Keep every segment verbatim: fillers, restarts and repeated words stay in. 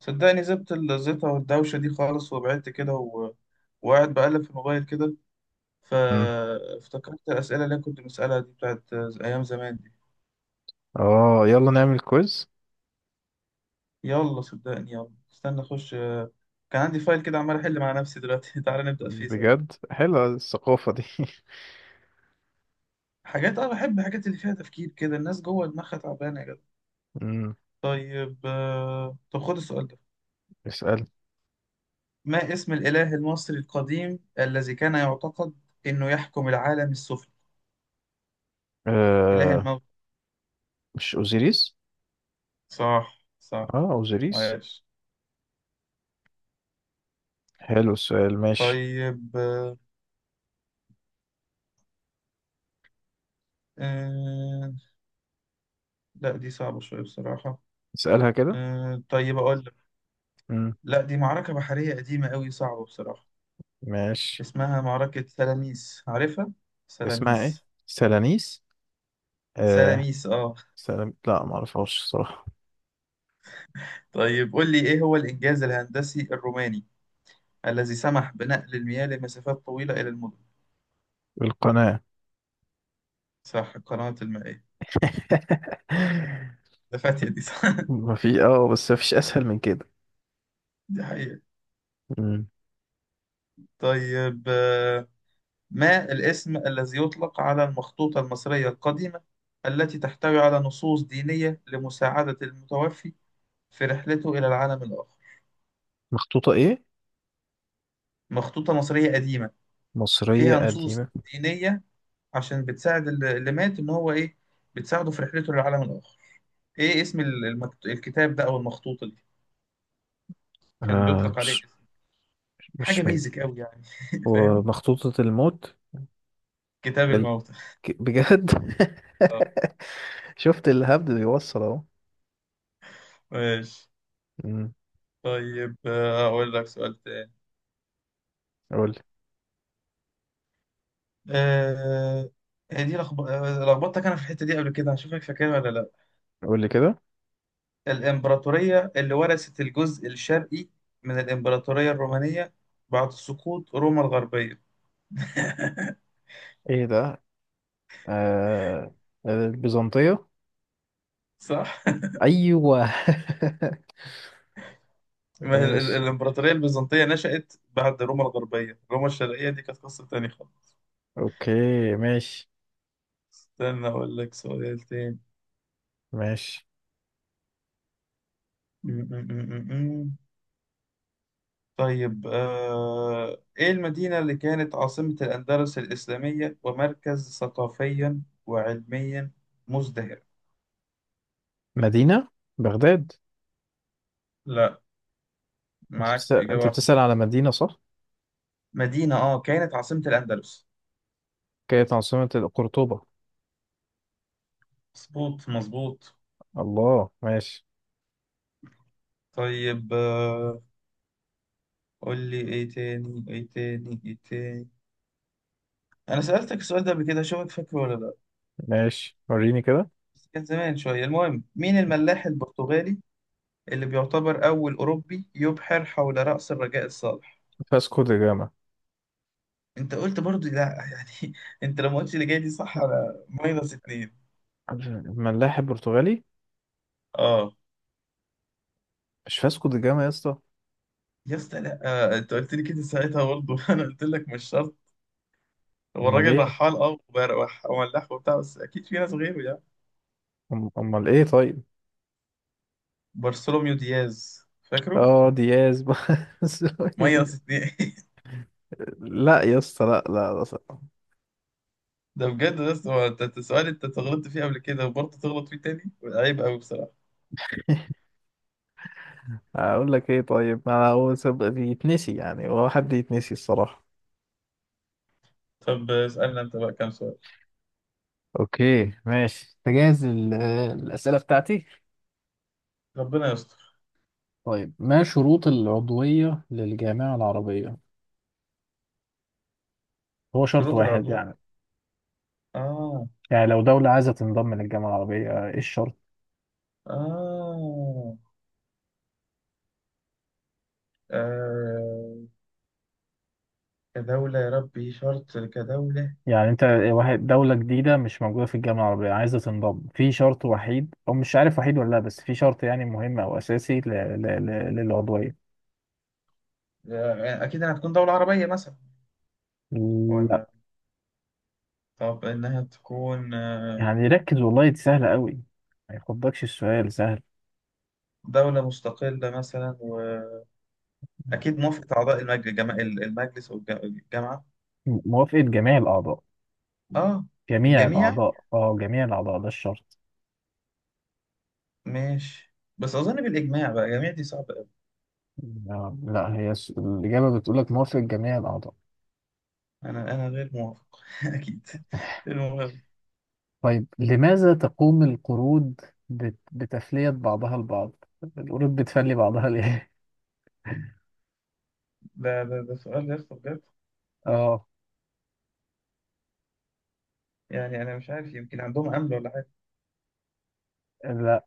صدقني زبت الزيطة والدوشة دي خالص وبعدت كده و... وقاعد بقلب في الموبايل كده، مم. فافتكرت الأسئلة اللي أنا كنت بسألها دي بتاعت أيام زمان دي. اه، يلا نعمل كويز. يلا صدقني، يلا استنى أخش. كان عندي فايل كده عمال أحل مع نفسي دلوقتي تعالى نبدأ فيه سوا. بجد حلوة الثقافة دي. حاجات أنا بحب الحاجات اللي فيها تفكير كده، الناس جوه دماغها تعبانة يا جدع. مم. طيب آه، طب خد السؤال ده. اسأل. ما اسم الإله المصري القديم الذي كان يعتقد إنه يحكم العالم السفلي، إله آه الموت؟ مش اوزيريس صح صح، اه اوزيريس عايش. حلو السؤال ماشي طيب آه، آه، لا دي صعبة شوية بصراحة. اسألها كده آه طيب أقول لك. مم. لا دي معركة بحرية قديمة أوي، صعبة بصراحة. ماشي اسمها معركة سلاميس، عارفها؟ اسمها ايه سلاميس. سلانيس آه سلاميس آه. سلام لا معرفهاش صراحة طيب قول لي، إيه هو الإنجاز الهندسي الروماني الذي سمح بنقل المياه لمسافات طويلة إلى المدن؟ القناة صح، القنوات المائية، ده فاتية دي صح ما في اه بس ما فيش اسهل من كده دي حقيقة. مم. طيب آه، ما الاسم الذي يطلق على المخطوطة المصرية القديمة التي تحتوي على نصوص دينية لمساعدة المتوفي في رحلته إلى العالم الآخر؟ مخطوطة ايه مخطوطة مصرية قديمة، مصرية فيها نصوص قديمة دينية، عشان بتساعد اللي اللي مات إن هو إيه، بتساعده في رحلته للعالم الآخر. إيه اسم ال- المكت... الكتاب ده أو المخطوطة دي؟ كان آه، بيطلق عليه مش اسم حاجة مش من بيزك أوي يعني فاهم؟ ومخطوطة الموت. كتاب الموتى. ك- بجد؟ آه، شفت الهبد بيوصل اهو. ماشي. امم، طيب آه، أقول لك سؤال تاني. قول لي. آه، هي دي لخب- آه، لخبطتك انا في الحته دي قبل كده، هشوفك فاكرها ولا لا. قول لي كده. الامبراطوريه اللي ورثت الجزء الشرقي من الامبراطوريه الرومانيه بعد سقوط روما الغربيه؟ ايه ده؟ آه، آه، البيزنطية. صح. ايوه. ما هي ال- ال- ماشي. الامبراطوريه البيزنطيه نشأت بعد روما الغربيه، روما الشرقيه دي كانت قصه تانية خالص. اوكي، ماشي. استنى اقول لك سؤال تاني. ماشي، م- م- م- م- م. طيب آه، ايه المدينه اللي كانت عاصمه الاندلس الاسلاميه ومركز ثقافيا وعلميا مزدهر؟ مدينة بغداد. لا، انت معاك بتسأل، إجابة انت واحدة بتسأل تانية. على مدينة، صح؟ مدينة اه كانت عاصمة الأندلس. كانت عاصمة قرطبة. مظبوط مظبوط. الله، ماشي. طيب آه، قول لي ايه تاني ايه تاني ايه تاني. انا سألتك السؤال ده قبل كده، اشوفك فاكره ولا لا. ماشي، وريني كده. بس كان زمان شوية. المهم، مين الملاح البرتغالي اللي بيعتبر اول اوروبي يبحر حول رأس الرجاء الصالح؟ فاسكو دا جاما. انت قلت برضو لا يعني انت لما قلتش اللي جاي دي صح انا ماينس اتنين. ملاحب برتغالي. اه مش فاسكو دا جاما يا اسطى؟ يا اسطى، لا. آه، انت قلت لي كده ساعتها برضه انا قلت لك مش شرط. هو امال الراجل ايه؟ رحال اه وبر- وح- وملاح وبتاع، بس اكيد في ناس غيره يعني. أم- امال ايه طيب؟ بارسلوميو دياز، فاكره؟ اه دياز. بس دي- ماينس اتنين لا يا اسطى، لا لا لا صراحة. ده بجد، بس هو انت أنت سؤال انت غلطت فيه قبل كده وبرضه تغلط فيه تاني، عيب قوي بصراحة. اقول لك ايه طيب، ما هو سب- يتنسي، يعني هو حد يتنسي الصراحة. طب اسألنا انت بقى كام سؤال. اوكي ماشي، تجهز ال- الأسئلة بتاعتي. ربنا يستر. طيب، ما شروط العضوية للجامعة العربية؟ هو شرط شروط واحد يعني؟ العضوية، اه. يعني لو دولة عايزة تنضم للجامعة العربية ايه الشرط؟ اه آه، كدولة؟ يا ربي شرط كدولة. يعني انت واحد، دولة جديدة مش موجودة في الجامعة العربية عايزة تنضم، في شرط وحيد، او مش عارف وحيد ولا لا، بس في شرط يعني مهم او اساسي ل- ل- ل- للعضوية. آه، أكيد إنها تكون دولة عربية مثلا؟ لا، ولا، طب إنها تكون آه، يعني ركز والله دي سهلة قوي. ما يخضكش، السؤال سهل. دولة مستقلة مثلا؟ أكيد موافقة أعضاء المجلس جما... المجلس والجامعة. م- موافقة جميع الأعضاء. آه، جميع الجميع. الأعضاء، اه جميع الأعضاء ده الشرط. ماشي، بس أظن بالإجماع بقى، الجميع دي صعبة أوي. لا لا، هي الس- الإجابة بتقولك موافقة جميع الأعضاء. أنا أنا غير موافق أكيد. المهم. طيب، لماذا تقوم القرود بت- بتفلية بعضها البعض؟ القرود بتفلي بعضها ليه؟ ده ده ده سؤال يا اسطى بجد. اه، يعني أنا مش عارف، يمكن عندهم أمل ولا حاجة. لا،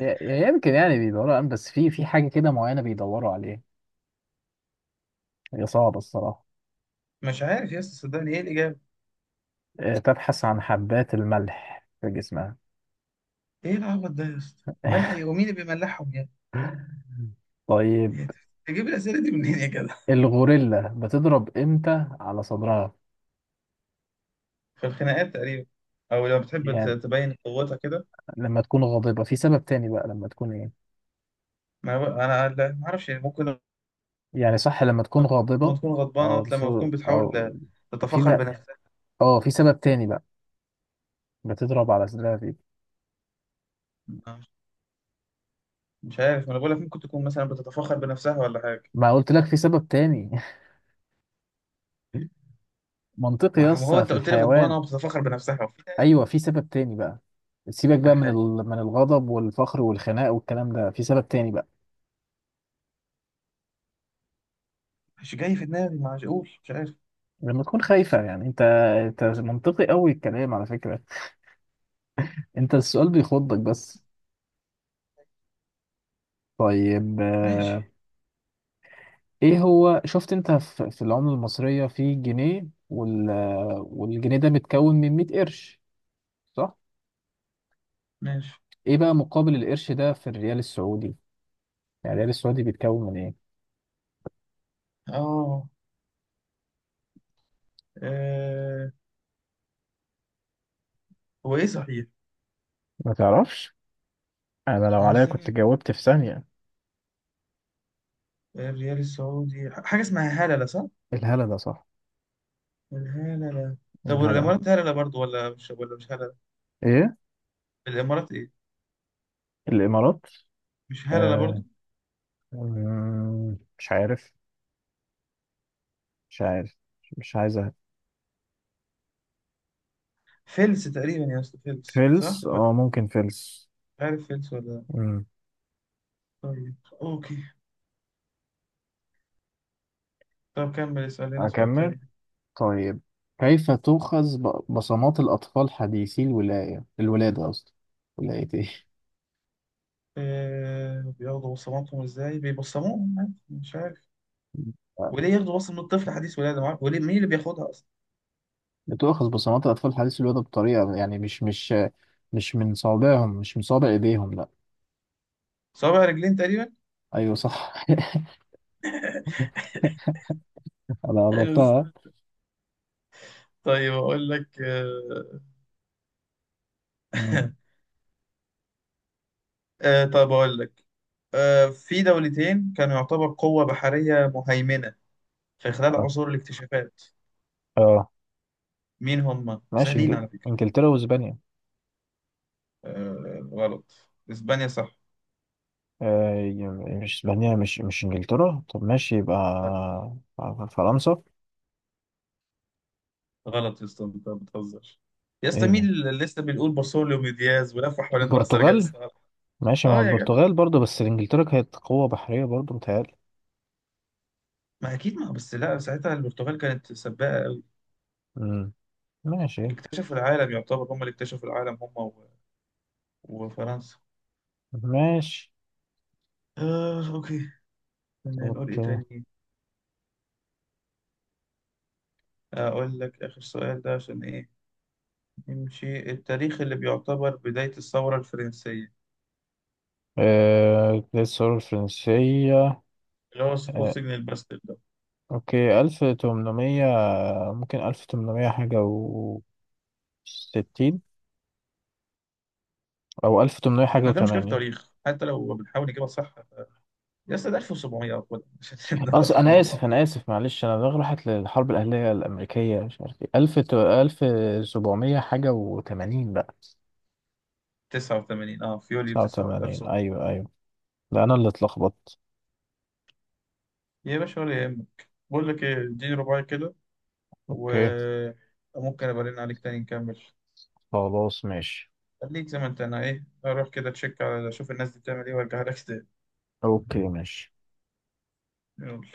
ي- يمكن يعني بيدوروا على، بس في في حاجة كده معينة بيدوروا عليها. هي صعبة الصراحة. مش عارف يا اسطى، صدقني إيه الإجابة. آه، تبحث عن حبات الملح في جسمها. إيه العبط ده يا اسطى؟ ملح إيه؟ ومين اللي بيملحهم يعني؟ طيب، إيه ده؟ تجيب الأسئلة دي منين يا جدع؟ الغوريلا بتضرب امتى على صدرها؟ في الخناقات تقريبا، أو لو بتحب ت- يعني تبين قوتها كده. لما تكون غاضبة، في سبب تاني بقى لما تكون ايه؟ ما هو- أنا لا، ما أعرفش ممكن. يعني صح لما تكون لما غاضبة، تكون غضبانة، او لما شو تكون او، بتحاول في تتفخر بقى، بنفسها. اه في سبب تاني بقى بتضرب على صدرها فيه. مش مش عارف، ما انا بقول لك ممكن تكون مثلا بتتفخر بنفسها ولا حاجة. ما قلت لك في سبب تاني. منطقي يا ما ما هو اسطى في انت قلت لي الحيوان. غضبانة وبتتفخر بنفسها، وفي ده، ايوه في سبب تاني بقى، سيبك في بقى من الحاجة. ال، من الغضب والفخر والخناق والكلام ده، في سبب تاني بقى مش جاي في دماغي، ما عادش- اقول مش عارف. لما تكون خايفة. يعني انت، انت منطقي قوي الكلام على فكرة، انت السؤال بيخضك بس. طيب ماشي آه، ايه هو، شفت انت ف- في العملة المصرية في جنيه وال، والجنيه ده متكون من مية قرش، صح؟ ماشي، ايه بقى مقابل القرش ده في الريال السعودي؟ يعني الريال السعودي بيتكون من ايه؟ اه. آه، هو ايه صحيح؟ ما تعرفش؟ انا لو أنا عليا كنت استنى، جاوبت في ثانية. الريال السعودي حاجة اسمها هللة صح؟ الهلا، ده صح؟ الهللة. طب الهلا، والامارات هللة برضو ولا مش، ولا مش هللة؟ ايه الامارات ايه؟ الامارات؟ مش هللة آه، برضو؟ مم، مش عارف، مش عارف، مش عايز أهبد. فلس تقريبا يا اسطى، فلس صح؟ فلس، ولا اه مش ممكن فلس. عارف، فلس ولا؟ مم. طيب، اوكي. طب كمل اسأل لنا سؤال اكمل. تاني. طيب، كيف تؤخذ ب- بصمات الأطفال حديثي الولاية الولادة قصدي، ولاية إيه؟ آه بياخدوا بصماتهم ازاي؟ بيبصموهم عادي، مش عارف. وليه ياخدوا بصمة من الطفل حديث ولادة معاه؟ وليه مين اللي بياخدها اصلا؟ بتؤخذ بصمات الأطفال حديثي الولادة بطريقة، يعني مش مش مش من صوابعهم، مش من صوابع إيديهم لأ. صوابع رجلين تقريبا. أيوه صح. أنا حلو قربتها. السؤال. طيب اقول لك آه مم. آه طب اقول لك. آه، في دولتين كانوا يعتبر قوة بحرية مهيمنة في خلال آه. عصور الاكتشافات. آه. مين هم؟ ماشي، وسهلين إنجل... على فكرة. إنجلترا وإسبانيا. آه غلط. اسبانيا صح. آه. ي- مش إسبانيا، مش مش إنجلترا، طب ماشي، يبقى فرنسا. غلط يا اسطى، انت بتهزر يا اسطى، إيه مين ده، اللي لسه بنقول بارسوليو دياز ولف حوالين راس رجاء البرتغال. الصالح؟ ماشي مع اه يا جدع. البرتغال برضه، بس إنجلترا كانت قوة بحرية برضه، متهيألي. ما اكيد، ما بس لا ساعتها البرتغال كانت سباقه قوي، مم. ماشي. اكتشفوا العالم. يعتبر هم اللي اكتشفوا العالم، هم و... وفرنسا. ماشي. آه اوكي، كنا نقول ايه اوكي. تاني. اقول لك اخر سؤال ده عشان ايه، نمشي. التاريخ اللي بيعتبر بداية الثورة الفرنسية، آه، ده الثورة الفرنسية. اللي هو سقوط آه، سجن الباستيل ده. اوكي، ألف تمنمية. ممكن ألف تمنمية حاجة وستين، أو ألف تمنمية حاجة احنا ده مشكلة في وتمانين. التاريخ حتى لو بنحاول نجيبها صح. يا اسطى ده ألف وسبعمية أو كده عشان أص... نتفق أنا مع آسف، بعض. أنا آسف، معلش أنا دماغي راحت للحرب الأهلية الأمريكية، مش عارف إيه، ألف ت... ألف سبعمية حاجة وتمانين بقى. تسعة وتمانين اه، في يوليو تسعة تسعة وتمانين، تسعتاشر. أيوه أيوه، ده أنا اللي اتلخبطت. يا باشا ولا يهمك، بقول لك ايه، اديني رباعي كده اوكي، وممكن ابقى ارن عليك تاني نكمل. خلاص ماشي. خليك زي ما انت، انا ايه اروح كده تشيك على، اشوف الناس دي بتعمل ايه وارجع لك تاني. اوكي ماشي. يلا.